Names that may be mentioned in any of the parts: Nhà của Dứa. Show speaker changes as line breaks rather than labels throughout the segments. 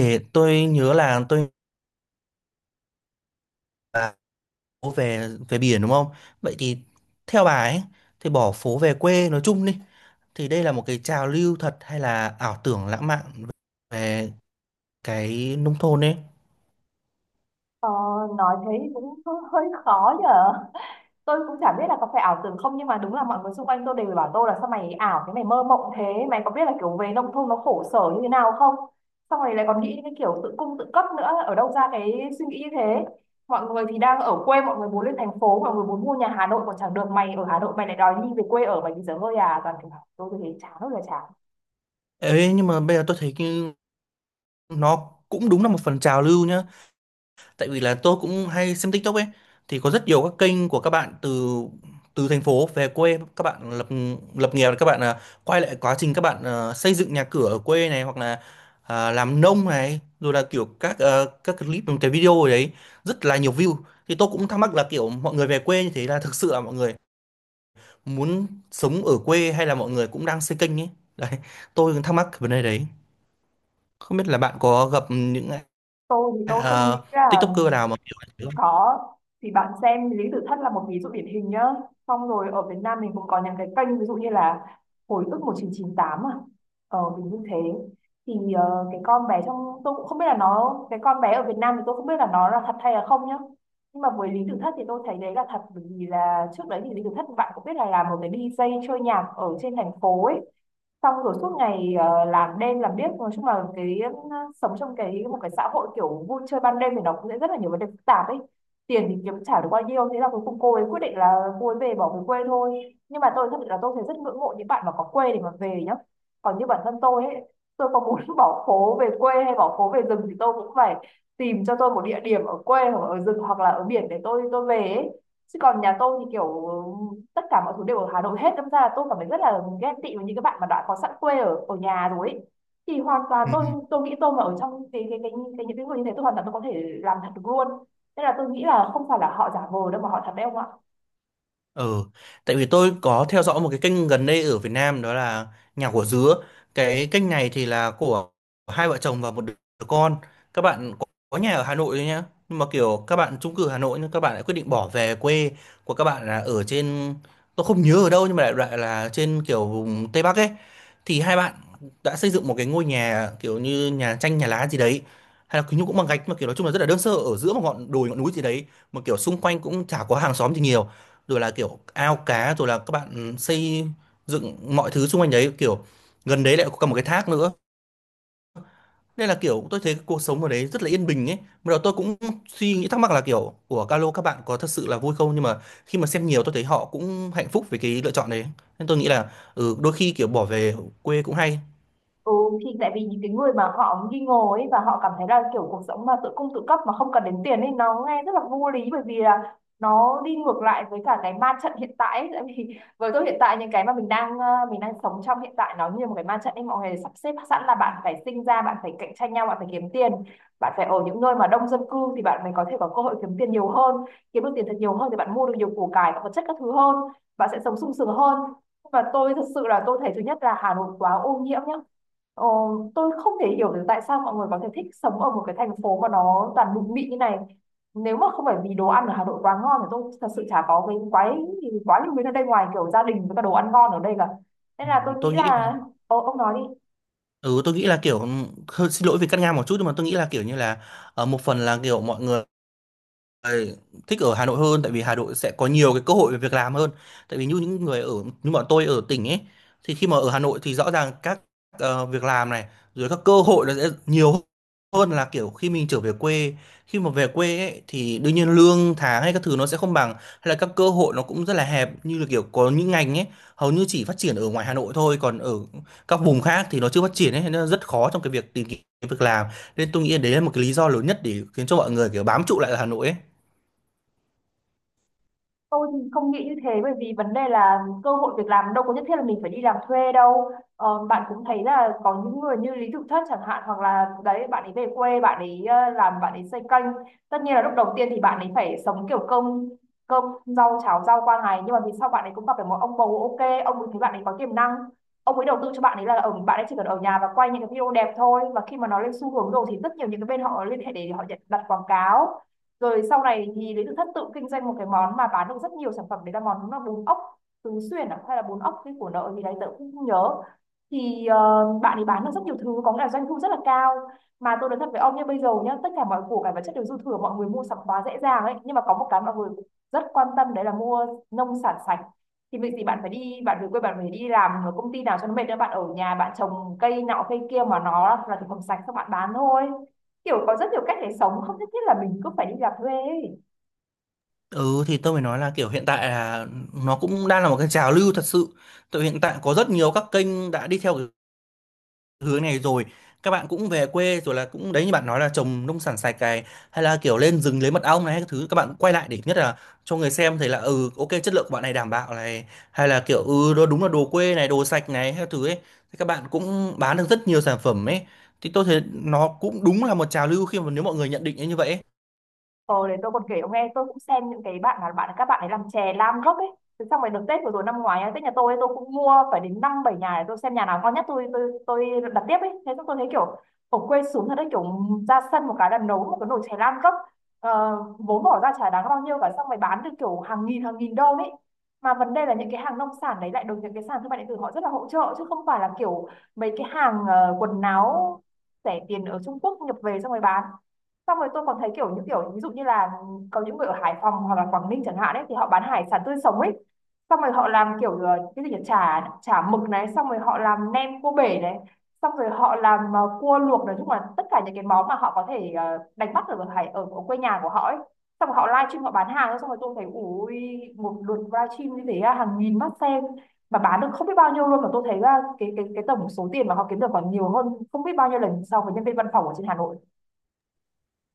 Ê, tôi nhớ là tôi là phố về về biển đúng không? Vậy thì theo bà ấy thì bỏ phố về quê nói chung đi thì đây là một cái trào lưu thật hay là ảo tưởng lãng mạn về cái nông thôn ấy.
Ờ, nói thế thì cũng hơi khó nhở, tôi cũng chả biết là có phải ảo tưởng không, nhưng mà đúng là mọi người xung quanh tôi đều bảo tôi là sao mày ảo thế, mày mơ mộng thế, mày có biết là kiểu về nông thôn nó khổ sở như thế nào không, xong rồi lại còn nghĩ đến cái kiểu tự cung tự cấp nữa, ở đâu ra cái suy nghĩ như thế. Mọi người thì đang ở quê, mọi người muốn lên thành phố, mọi người muốn mua nhà Hà Nội còn chẳng được, mày ở Hà Nội mày lại đòi đi về quê ở, mày bây giờ hơi à toàn kiểu bảo tôi thì thấy chán ơi là chán.
Ê, nhưng mà bây giờ tôi thấy cái nó cũng đúng là một phần trào lưu nhá. Tại vì là tôi cũng hay xem TikTok ấy, thì có rất nhiều các kênh của các bạn từ từ thành phố về quê, các bạn lập lập nghiệp, các bạn quay lại quá trình các bạn xây dựng nhà cửa ở quê này, hoặc là làm nông này, rồi là kiểu các các clip, cái video ở đấy rất là nhiều view. Thì tôi cũng thắc mắc là kiểu mọi người về quê như thế là thực sự là mọi người muốn sống ở quê hay là mọi người cũng đang xây kênh ấy đấy, tôi cũng thắc mắc cái vấn đề đấy, không biết là bạn có gặp những
Tôi thì tôi không nghĩ ra.
TikToker nào mà kiểu như thế không?
Có, thì bạn xem Lý Tử Thất là một ví dụ điển hình nhá. Xong rồi ở Việt Nam mình cũng có những cái kênh ví dụ như là Hồi ức 1998 à. Mình như thế. Thì cái con bé trong, tôi cũng không biết là nó, cái con bé ở Việt Nam thì tôi không biết là nó là thật hay là không nhá. Nhưng mà với Lý Tử Thất thì tôi thấy đấy là thật, bởi vì là trước đấy thì Lý Tử Thất bạn cũng biết là làm một cái đi DJ chơi nhạc ở trên thành phố ấy. Xong rồi suốt ngày làm đêm làm điếc, nói chung là cái sống trong một cái xã hội kiểu vui chơi ban đêm thì nó cũng sẽ rất là nhiều vấn đề phức tạp ấy, tiền thì kiếm chả được bao nhiêu, thế là cuối cùng cô ấy quyết định là cô ấy về bỏ về quê thôi. Nhưng mà tôi thật sự là tôi thấy rất ngưỡng mộ những bạn mà có quê để mà về nhá. Còn như bản thân tôi ấy, tôi có muốn bỏ phố về quê hay bỏ phố về rừng thì tôi cũng phải tìm cho tôi một địa điểm ở quê hoặc ở rừng hoặc là ở biển để tôi về ấy. Chứ còn nhà tôi thì kiểu tất cả mọi thứ đều ở Hà Nội hết, đâm ra là tôi cảm thấy rất là ghen tị với những cái bạn mà đã có sẵn quê ở ở nhà rồi ấy. Thì hoàn toàn
Ừ.
tôi nghĩ tôi mà ở trong cái những cái người như thế, tôi hoàn toàn tôi có thể làm thật được luôn, nên là tôi nghĩ là không phải là họ giả vờ đâu mà họ thật đấy ông ạ.
Ừ, tại vì tôi có theo dõi một cái kênh gần đây ở Việt Nam, đó là Nhà của Dứa. Cái kênh này thì là của hai vợ chồng và một đứa con. Các bạn có nhà ở Hà Nội thôi nhá. Nhưng mà kiểu các bạn chung cư Hà Nội nhưng các bạn lại quyết định bỏ về quê, của các bạn là ở trên, tôi không nhớ ở đâu nhưng mà đại loại là trên kiểu vùng Tây Bắc ấy. Thì hai bạn đã xây dựng một cái ngôi nhà kiểu như nhà tranh nhà lá gì đấy, hay là kiểu như cũng bằng gạch, mà kiểu nói chung là rất là đơn sơ, ở giữa một ngọn đồi ngọn núi gì đấy, mà kiểu xung quanh cũng chả có hàng xóm gì nhiều, rồi là kiểu ao cá, rồi là các bạn xây dựng mọi thứ xung quanh đấy, kiểu gần đấy lại có cả một cái thác nữa. Nên là kiểu tôi thấy cái cuộc sống ở đấy rất là yên bình ấy. Bắt đầu tôi cũng suy nghĩ thắc mắc là kiểu của Calo các bạn có thật sự là vui không, nhưng mà khi mà xem nhiều tôi thấy họ cũng hạnh phúc với cái lựa chọn đấy. Nên tôi nghĩ là ừ, đôi khi kiểu bỏ về quê cũng hay.
Ừ, thì tại vì những cái người mà họ nghi ngờ ấy và họ cảm thấy là kiểu cuộc sống mà tự cung tự cấp mà không cần đến tiền ấy nó nghe rất là vô lý, bởi vì là nó đi ngược lại với cả cái ma trận hiện tại ấy. Tại vì với tôi hiện tại những cái mà mình đang mình đang sống trong hiện tại nó như một cái ma trận ấy, mọi người sắp xếp sẵn là bạn phải sinh ra, bạn phải cạnh tranh nhau, bạn phải kiếm tiền, bạn phải ở những nơi mà đông dân cư thì bạn mới có thể có cơ hội kiếm tiền nhiều hơn, kiếm được tiền thật nhiều hơn thì bạn mua được nhiều củ cải và vật chất các thứ hơn, bạn sẽ sống sung sướng hơn. Và tôi thật sự là tôi thấy thứ nhất là Hà Nội quá ô nhiễm nhá. Ờ, tôi không thể hiểu được tại sao mọi người có thể thích sống ở một cái thành phố mà nó toàn bụi mịn như này. Nếu mà không phải vì đồ ăn ở Hà Nội quá ngon thì tôi thật sự chả có cái quái quá nhiều thứ ở đây, ngoài kiểu gia đình với cả đồ ăn ngon ở đây cả. Nên
Ừ,
là tôi
tôi
nghĩ
nghĩ là
là ông nói đi.
ừ tôi nghĩ là kiểu ừ, hơi xin lỗi vì cắt ngang một chút, nhưng mà tôi nghĩ là kiểu như là một phần là kiểu mọi người người thích ở Hà Nội hơn, tại vì Hà Nội sẽ có nhiều cái cơ hội về việc làm hơn. Tại vì như những người ở, như bọn tôi ở tỉnh ấy, thì khi mà ở Hà Nội thì rõ ràng các việc làm này rồi các cơ hội nó sẽ nhiều hơn là kiểu khi mình trở về quê. Khi mà về quê ấy thì đương nhiên lương tháng hay các thứ nó sẽ không bằng, hay là các cơ hội nó cũng rất là hẹp, như là kiểu có những ngành ấy hầu như chỉ phát triển ở ngoài Hà Nội thôi, còn ở các vùng khác thì nó chưa phát triển ấy, nên nó rất khó trong cái việc tìm kiếm việc làm. Nên tôi nghĩ đấy là một cái lý do lớn nhất để khiến cho mọi người kiểu bám trụ lại ở Hà Nội ấy.
Tôi thì không nghĩ như thế, bởi vì vấn đề là cơ hội việc làm đâu có nhất thiết là mình phải đi làm thuê đâu. Bạn cũng thấy là có những người như Lý Tự Thất chẳng hạn, hoặc là đấy, bạn ấy về quê bạn ấy làm, bạn ấy xây kênh. Tất nhiên là lúc đầu tiên thì bạn ấy phải sống kiểu cơm cơm rau cháo rau qua ngày, nhưng mà vì sau bạn ấy cũng gặp được một ông bầu ok, ông ấy thấy bạn ấy có tiềm năng, ông ấy đầu tư cho bạn ấy là ở, bạn ấy chỉ cần ở nhà và quay những cái video đẹp thôi, và khi mà nó lên xu hướng rồi thì rất nhiều những cái bên họ liên hệ để họ nhận đặt quảng cáo. Rồi sau này thì Lý Tự Thất tự kinh doanh một cái món mà bán được rất nhiều sản phẩm, đấy là món là bún ốc tứ xuyên à? Hay là bún ốc cái của nợ thì đấy tớ cũng không nhớ. Thì bạn ấy bán được rất nhiều thứ, có nghĩa là doanh thu rất là cao. Mà tôi nói thật với ông nhé, bây giờ nhé, tất cả mọi củ cải vật chất đều dư thừa, mọi người mua sắm quá dễ dàng ấy, nhưng mà có một cái mọi người rất quan tâm đấy là mua nông sản sạch. Thì việc gì bạn phải đi, bạn về quê bạn phải đi làm ở công ty nào cho nó mệt nữa, bạn ở nhà bạn trồng cây nọ cây kia mà nó là thực phẩm sạch các bạn bán thôi. Kiểu có rất nhiều cách để sống, không nhất thiết là mình cứ phải đi làm thuê ấy.
Ừ thì tôi mới nói là kiểu hiện tại là nó cũng đang là một cái trào lưu thật sự. Tại hiện tại có rất nhiều các kênh đã đi theo cái hướng này rồi. Các bạn cũng về quê rồi là cũng đấy như bạn nói là trồng nông sản sạch cày, hay là kiểu lên rừng lấy mật ong này hay các thứ, các bạn quay lại để nhất là cho người xem thấy là ừ ok chất lượng của bạn này đảm bảo này, hay là kiểu ừ đó đúng là đồ quê này, đồ sạch này hay các thứ ấy. Thì các bạn cũng bán được rất nhiều sản phẩm ấy. Thì tôi thấy nó cũng đúng là một trào lưu khi mà nếu mọi người nhận định như vậy ấy.
Ờ để tôi còn kể ông nghe, tôi cũng xem những cái bạn là bạn các bạn ấy làm chè lam gốc ấy. Thế xong rồi được Tết vừa rồi năm ngoái ấy, Tết nhà tôi ấy, tôi cũng mua phải đến năm bảy nhà để tôi xem nhà nào ngon nhất tôi tôi đặt tiếp ấy, thế xong tôi thấy kiểu ở quê xuống thật đấy, kiểu ra sân một cái là nấu một cái nồi chè lam gốc, vốn bỏ ra chả đáng bao nhiêu cả, xong rồi bán được kiểu hàng nghìn đô ấy. Mà vấn đề là những cái hàng nông sản đấy lại được những cái sàn thương mại điện tử họ rất là hỗ trợ, chứ không phải là kiểu mấy cái hàng quần áo rẻ tiền ở Trung Quốc nhập về xong rồi bán. Xong rồi tôi còn thấy kiểu những kiểu ví dụ như là có những người ở Hải Phòng hoặc là Quảng Ninh chẳng hạn ấy thì họ bán hải sản tươi sống ấy, xong rồi họ làm kiểu cái gì nhỉ, chả chả mực này, xong rồi họ làm nem cua bể này, xong rồi họ làm cua luộc, nói chung là tất cả những cái món mà họ có thể đánh bắt ở ở quê nhà của họ ấy. Xong rồi họ live stream họ bán hàng, xong rồi tôi thấy ui, một lượt live stream như thế à, hàng nghìn mắt xem mà bán được không biết bao nhiêu luôn, mà tôi thấy là cái tổng số tiền mà họ kiếm được còn nhiều hơn không biết bao nhiêu lần so với nhân viên văn phòng ở trên Hà Nội.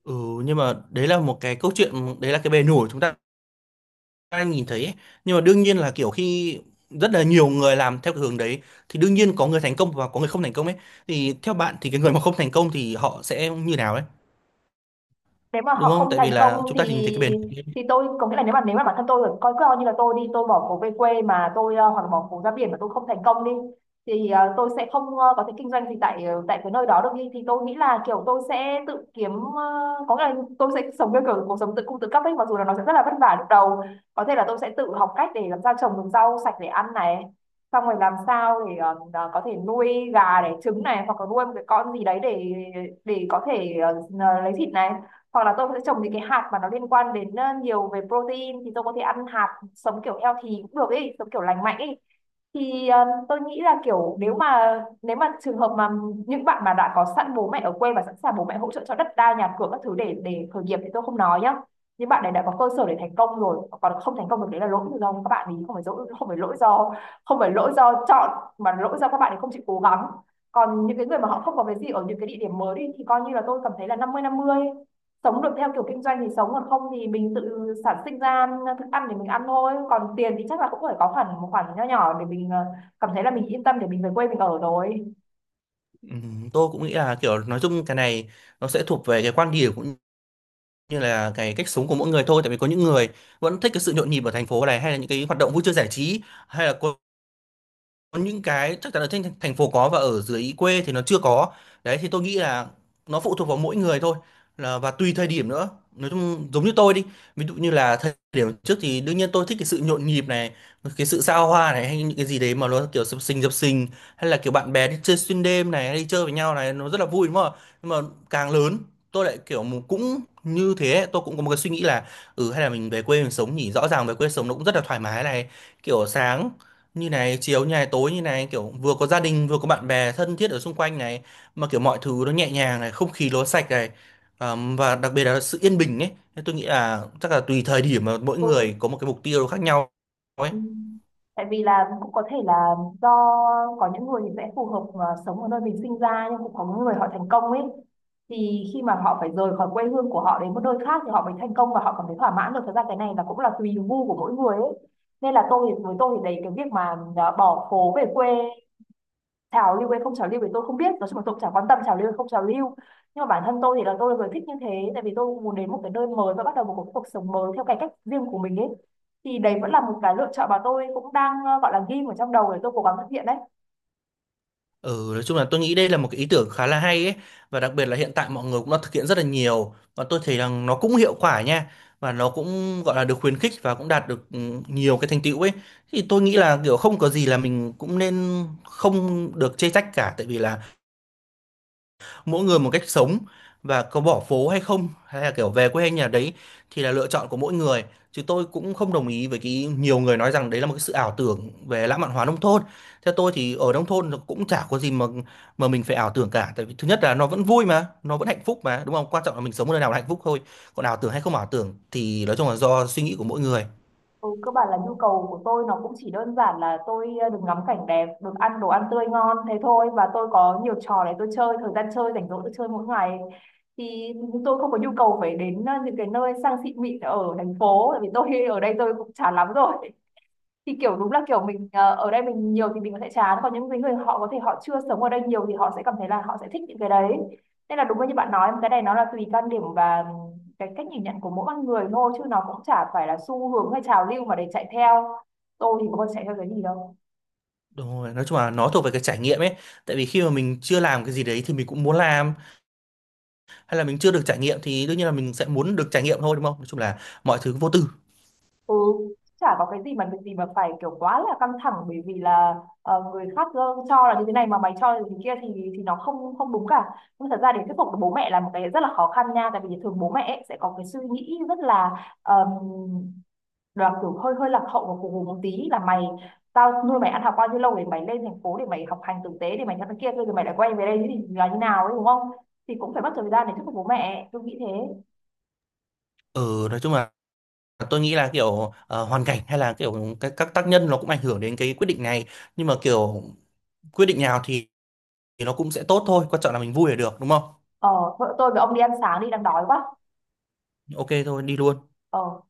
Ừ nhưng mà đấy là một cái câu chuyện, đấy là cái bề nổi chúng ta ai nhìn thấy ấy. Nhưng mà đương nhiên là kiểu khi rất là nhiều người làm theo cái hướng đấy thì đương nhiên có người thành công và có người không thành công ấy. Thì theo bạn thì cái người mà không thành công thì họ sẽ như nào đấy,
Nếu mà
đúng
họ
không,
không
tại vì
thành
là
công
chúng ta nhìn
thì
thấy cái bền.
thì tôi có nghĩa là nếu mà bản thân tôi coi coi như là tôi đi tôi bỏ phố về quê mà tôi hoặc là bỏ phố ra biển mà tôi không thành công đi, thì tôi sẽ không có thể kinh doanh gì tại tại cái nơi đó được đi, thì tôi nghĩ là kiểu tôi sẽ tự kiếm có nghĩa là tôi sẽ sống theo kiểu cuộc sống tự cung tự cấp ấy, mặc dù là nó sẽ rất là vất vả lúc đầu. Có thể là tôi sẽ tự học cách để làm sao trồng được rau sạch để ăn này, xong rồi làm sao để có thể nuôi gà để trứng này, hoặc là nuôi một cái con gì đấy để có thể lấy thịt này, hoặc là tôi sẽ trồng những cái hạt mà nó liên quan đến nhiều về protein thì tôi có thể ăn hạt sống kiểu healthy cũng được ấy, sống kiểu lành mạnh ấy. Thì tôi nghĩ là kiểu nếu mà trường hợp mà những bạn mà đã có sẵn bố mẹ ở quê và sẵn sàng bố mẹ hỗ trợ cho đất đai nhà cửa các thứ để khởi nghiệp thì tôi không nói nhá nhưng bạn này đã có cơ sở để thành công rồi, còn không thành công được đấy là lỗi do các bạn ấy. Không phải lỗi không phải lỗi do không phải lỗi do chọn mà lỗi do các bạn ấy không chịu cố gắng. Còn những cái người mà họ không có cái gì ở những cái địa điểm mới đi thì coi như là tôi cảm thấy là năm mươi năm mươi, sống được theo kiểu kinh doanh thì sống, còn không thì mình tự sản sinh ra thức ăn để mình ăn thôi. Còn tiền thì chắc là cũng phải có hẳn một khoản nho nhỏ để mình cảm thấy là mình yên tâm để mình về quê mình ở rồi.
Tôi cũng nghĩ là kiểu nói chung cái này nó sẽ thuộc về cái quan điểm cũng như là cái cách sống của mỗi người thôi. Tại vì có những người vẫn thích cái sự nhộn nhịp ở thành phố này, hay là những cái hoạt động vui chơi giải trí, hay là có những cái chắc chắn ở trên thành phố có và ở dưới quê thì nó chưa có đấy. Thì tôi nghĩ là nó phụ thuộc vào mỗi người thôi, là và tùy thời điểm nữa. Nói chung giống như tôi đi, ví dụ như là thời điểm trước thì đương nhiên tôi thích cái sự nhộn nhịp này, cái sự xa hoa này, hay những cái gì đấy mà nó kiểu sập sình sập sình, hay là kiểu bạn bè đi chơi xuyên đêm này hay đi chơi với nhau này nó rất là vui đúng không ạ? Nhưng mà càng lớn tôi lại kiểu cũng như thế, tôi cũng có một cái suy nghĩ là ừ hay là mình về quê mình sống nhỉ, rõ ràng về quê sống nó cũng rất là thoải mái này, kiểu sáng như này chiếu như này tối như này, kiểu vừa có gia đình vừa có bạn bè thân thiết ở xung quanh này, mà kiểu mọi thứ nó nhẹ nhàng này, không khí nó sạch này. Và đặc biệt là sự yên bình ấy. Thế tôi nghĩ là chắc là tùy thời điểm mà mỗi người
Ừ.
có một cái mục tiêu khác nhau ấy.
Ừ. Tại vì là cũng có thể là do có những người thì sẽ phù hợp mà sống ở nơi mình sinh ra, nhưng cũng có những người họ thành công ấy thì khi mà họ phải rời khỏi quê hương của họ đến một nơi khác thì họ mới thành công và họ cảm thấy thỏa mãn được. Thật ra cái này là cũng là tùy gu của mỗi người ấy. Nên là tôi thì, với tôi thì đấy, cái việc mà à, bỏ phố về quê, trào lưu hay không trào lưu thì tôi không biết, nói chung là tôi cũng chẳng quan tâm trào lưu hay không trào lưu. Nhưng mà bản thân tôi thì là tôi là người thích như thế, tại vì tôi muốn đến một cái nơi mới và bắt đầu một cuộc cuộc sống mới theo cái cách riêng của mình ấy. Thì đấy vẫn là một cái lựa chọn mà tôi cũng đang gọi là ghim ở trong đầu để tôi cố gắng thực hiện đấy.
Ừ, nói chung là tôi nghĩ đây là một cái ý tưởng khá là hay ấy, và đặc biệt là hiện tại mọi người cũng đã thực hiện rất là nhiều và tôi thấy rằng nó cũng hiệu quả nha, và nó cũng gọi là được khuyến khích và cũng đạt được nhiều cái thành tựu ấy. Thì tôi nghĩ là kiểu không có gì là mình cũng nên không được chê trách cả, tại vì là mỗi người một cách sống, và có bỏ phố hay không hay là kiểu về quê hay nhà đấy thì là lựa chọn của mỗi người. Chứ tôi cũng không đồng ý với cái nhiều người nói rằng đấy là một cái sự ảo tưởng về lãng mạn hóa nông thôn. Theo tôi thì ở nông thôn nó cũng chả có gì mà mình phải ảo tưởng cả, tại vì thứ nhất là nó vẫn vui mà, nó vẫn hạnh phúc mà, đúng không, quan trọng là mình sống ở nơi nào là hạnh phúc thôi. Còn ảo tưởng hay không ảo tưởng thì nói chung là do suy nghĩ của mỗi người.
Ừ, cơ bản là nhu cầu của tôi nó cũng chỉ đơn giản là tôi được ngắm cảnh đẹp, được ăn đồ ăn tươi ngon thế thôi, và tôi có nhiều trò để tôi chơi, thời gian chơi rảnh rỗi tôi chơi mỗi ngày. Thì tôi không có nhu cầu phải đến những cái nơi sang xịn mịn ở thành phố, tại vì tôi ở đây tôi cũng chán lắm rồi. Thì kiểu đúng là kiểu mình ở đây mình nhiều thì mình có thể chán, còn những cái người họ có thể họ chưa sống ở đây nhiều thì họ sẽ cảm thấy là họ sẽ thích những cái đấy. Nên là đúng như bạn nói, cái này nó là tùy quan điểm và cái cách nhìn nhận của mỗi con người thôi, chứ nó cũng chả phải là xu hướng hay trào lưu mà để chạy theo. Tôi thì có bao giờ chạy theo cái gì đâu.
Đúng rồi, nói chung là nó thuộc về cái trải nghiệm ấy. Tại vì khi mà mình chưa làm cái gì đấy thì mình cũng muốn làm, hay là mình chưa được trải nghiệm thì đương nhiên là mình sẽ muốn được trải nghiệm thôi, đúng không? Nói chung là mọi thứ vô tư.
Ừ, chả có cái gì mà việc gì mà phải kiểu quá là căng thẳng, bởi vì là người khác cho là như thế này mà mày cho là như thế kia thì nó không không đúng cả. Nhưng thật ra để thuyết phục được bố mẹ là một cái rất là khó khăn nha, tại vì thường bố mẹ ấy sẽ có cái suy nghĩ rất um, là kiểu hơi hơi lạc hậu và cù hù một tí là mày, tao nuôi mày ăn học bao nhiêu lâu để mày lên thành phố để mày học hành tử tế để mày cho nó kia, rồi mày lại quay về đây thì là như nào ấy đúng không? Thì cũng phải mất thời gian để thuyết phục bố mẹ, tôi nghĩ thế.
Ừ, nói chung là tôi nghĩ là kiểu hoàn cảnh hay là kiểu các tác nhân nó cũng ảnh hưởng đến cái quyết định này, nhưng mà kiểu quyết định nào thì nó cũng sẽ tốt thôi, quan trọng là mình vui là được đúng không?
Ờ, vợ tôi với ông đi ăn sáng đi, đang đói quá.
Ok thôi đi luôn.
Ờ.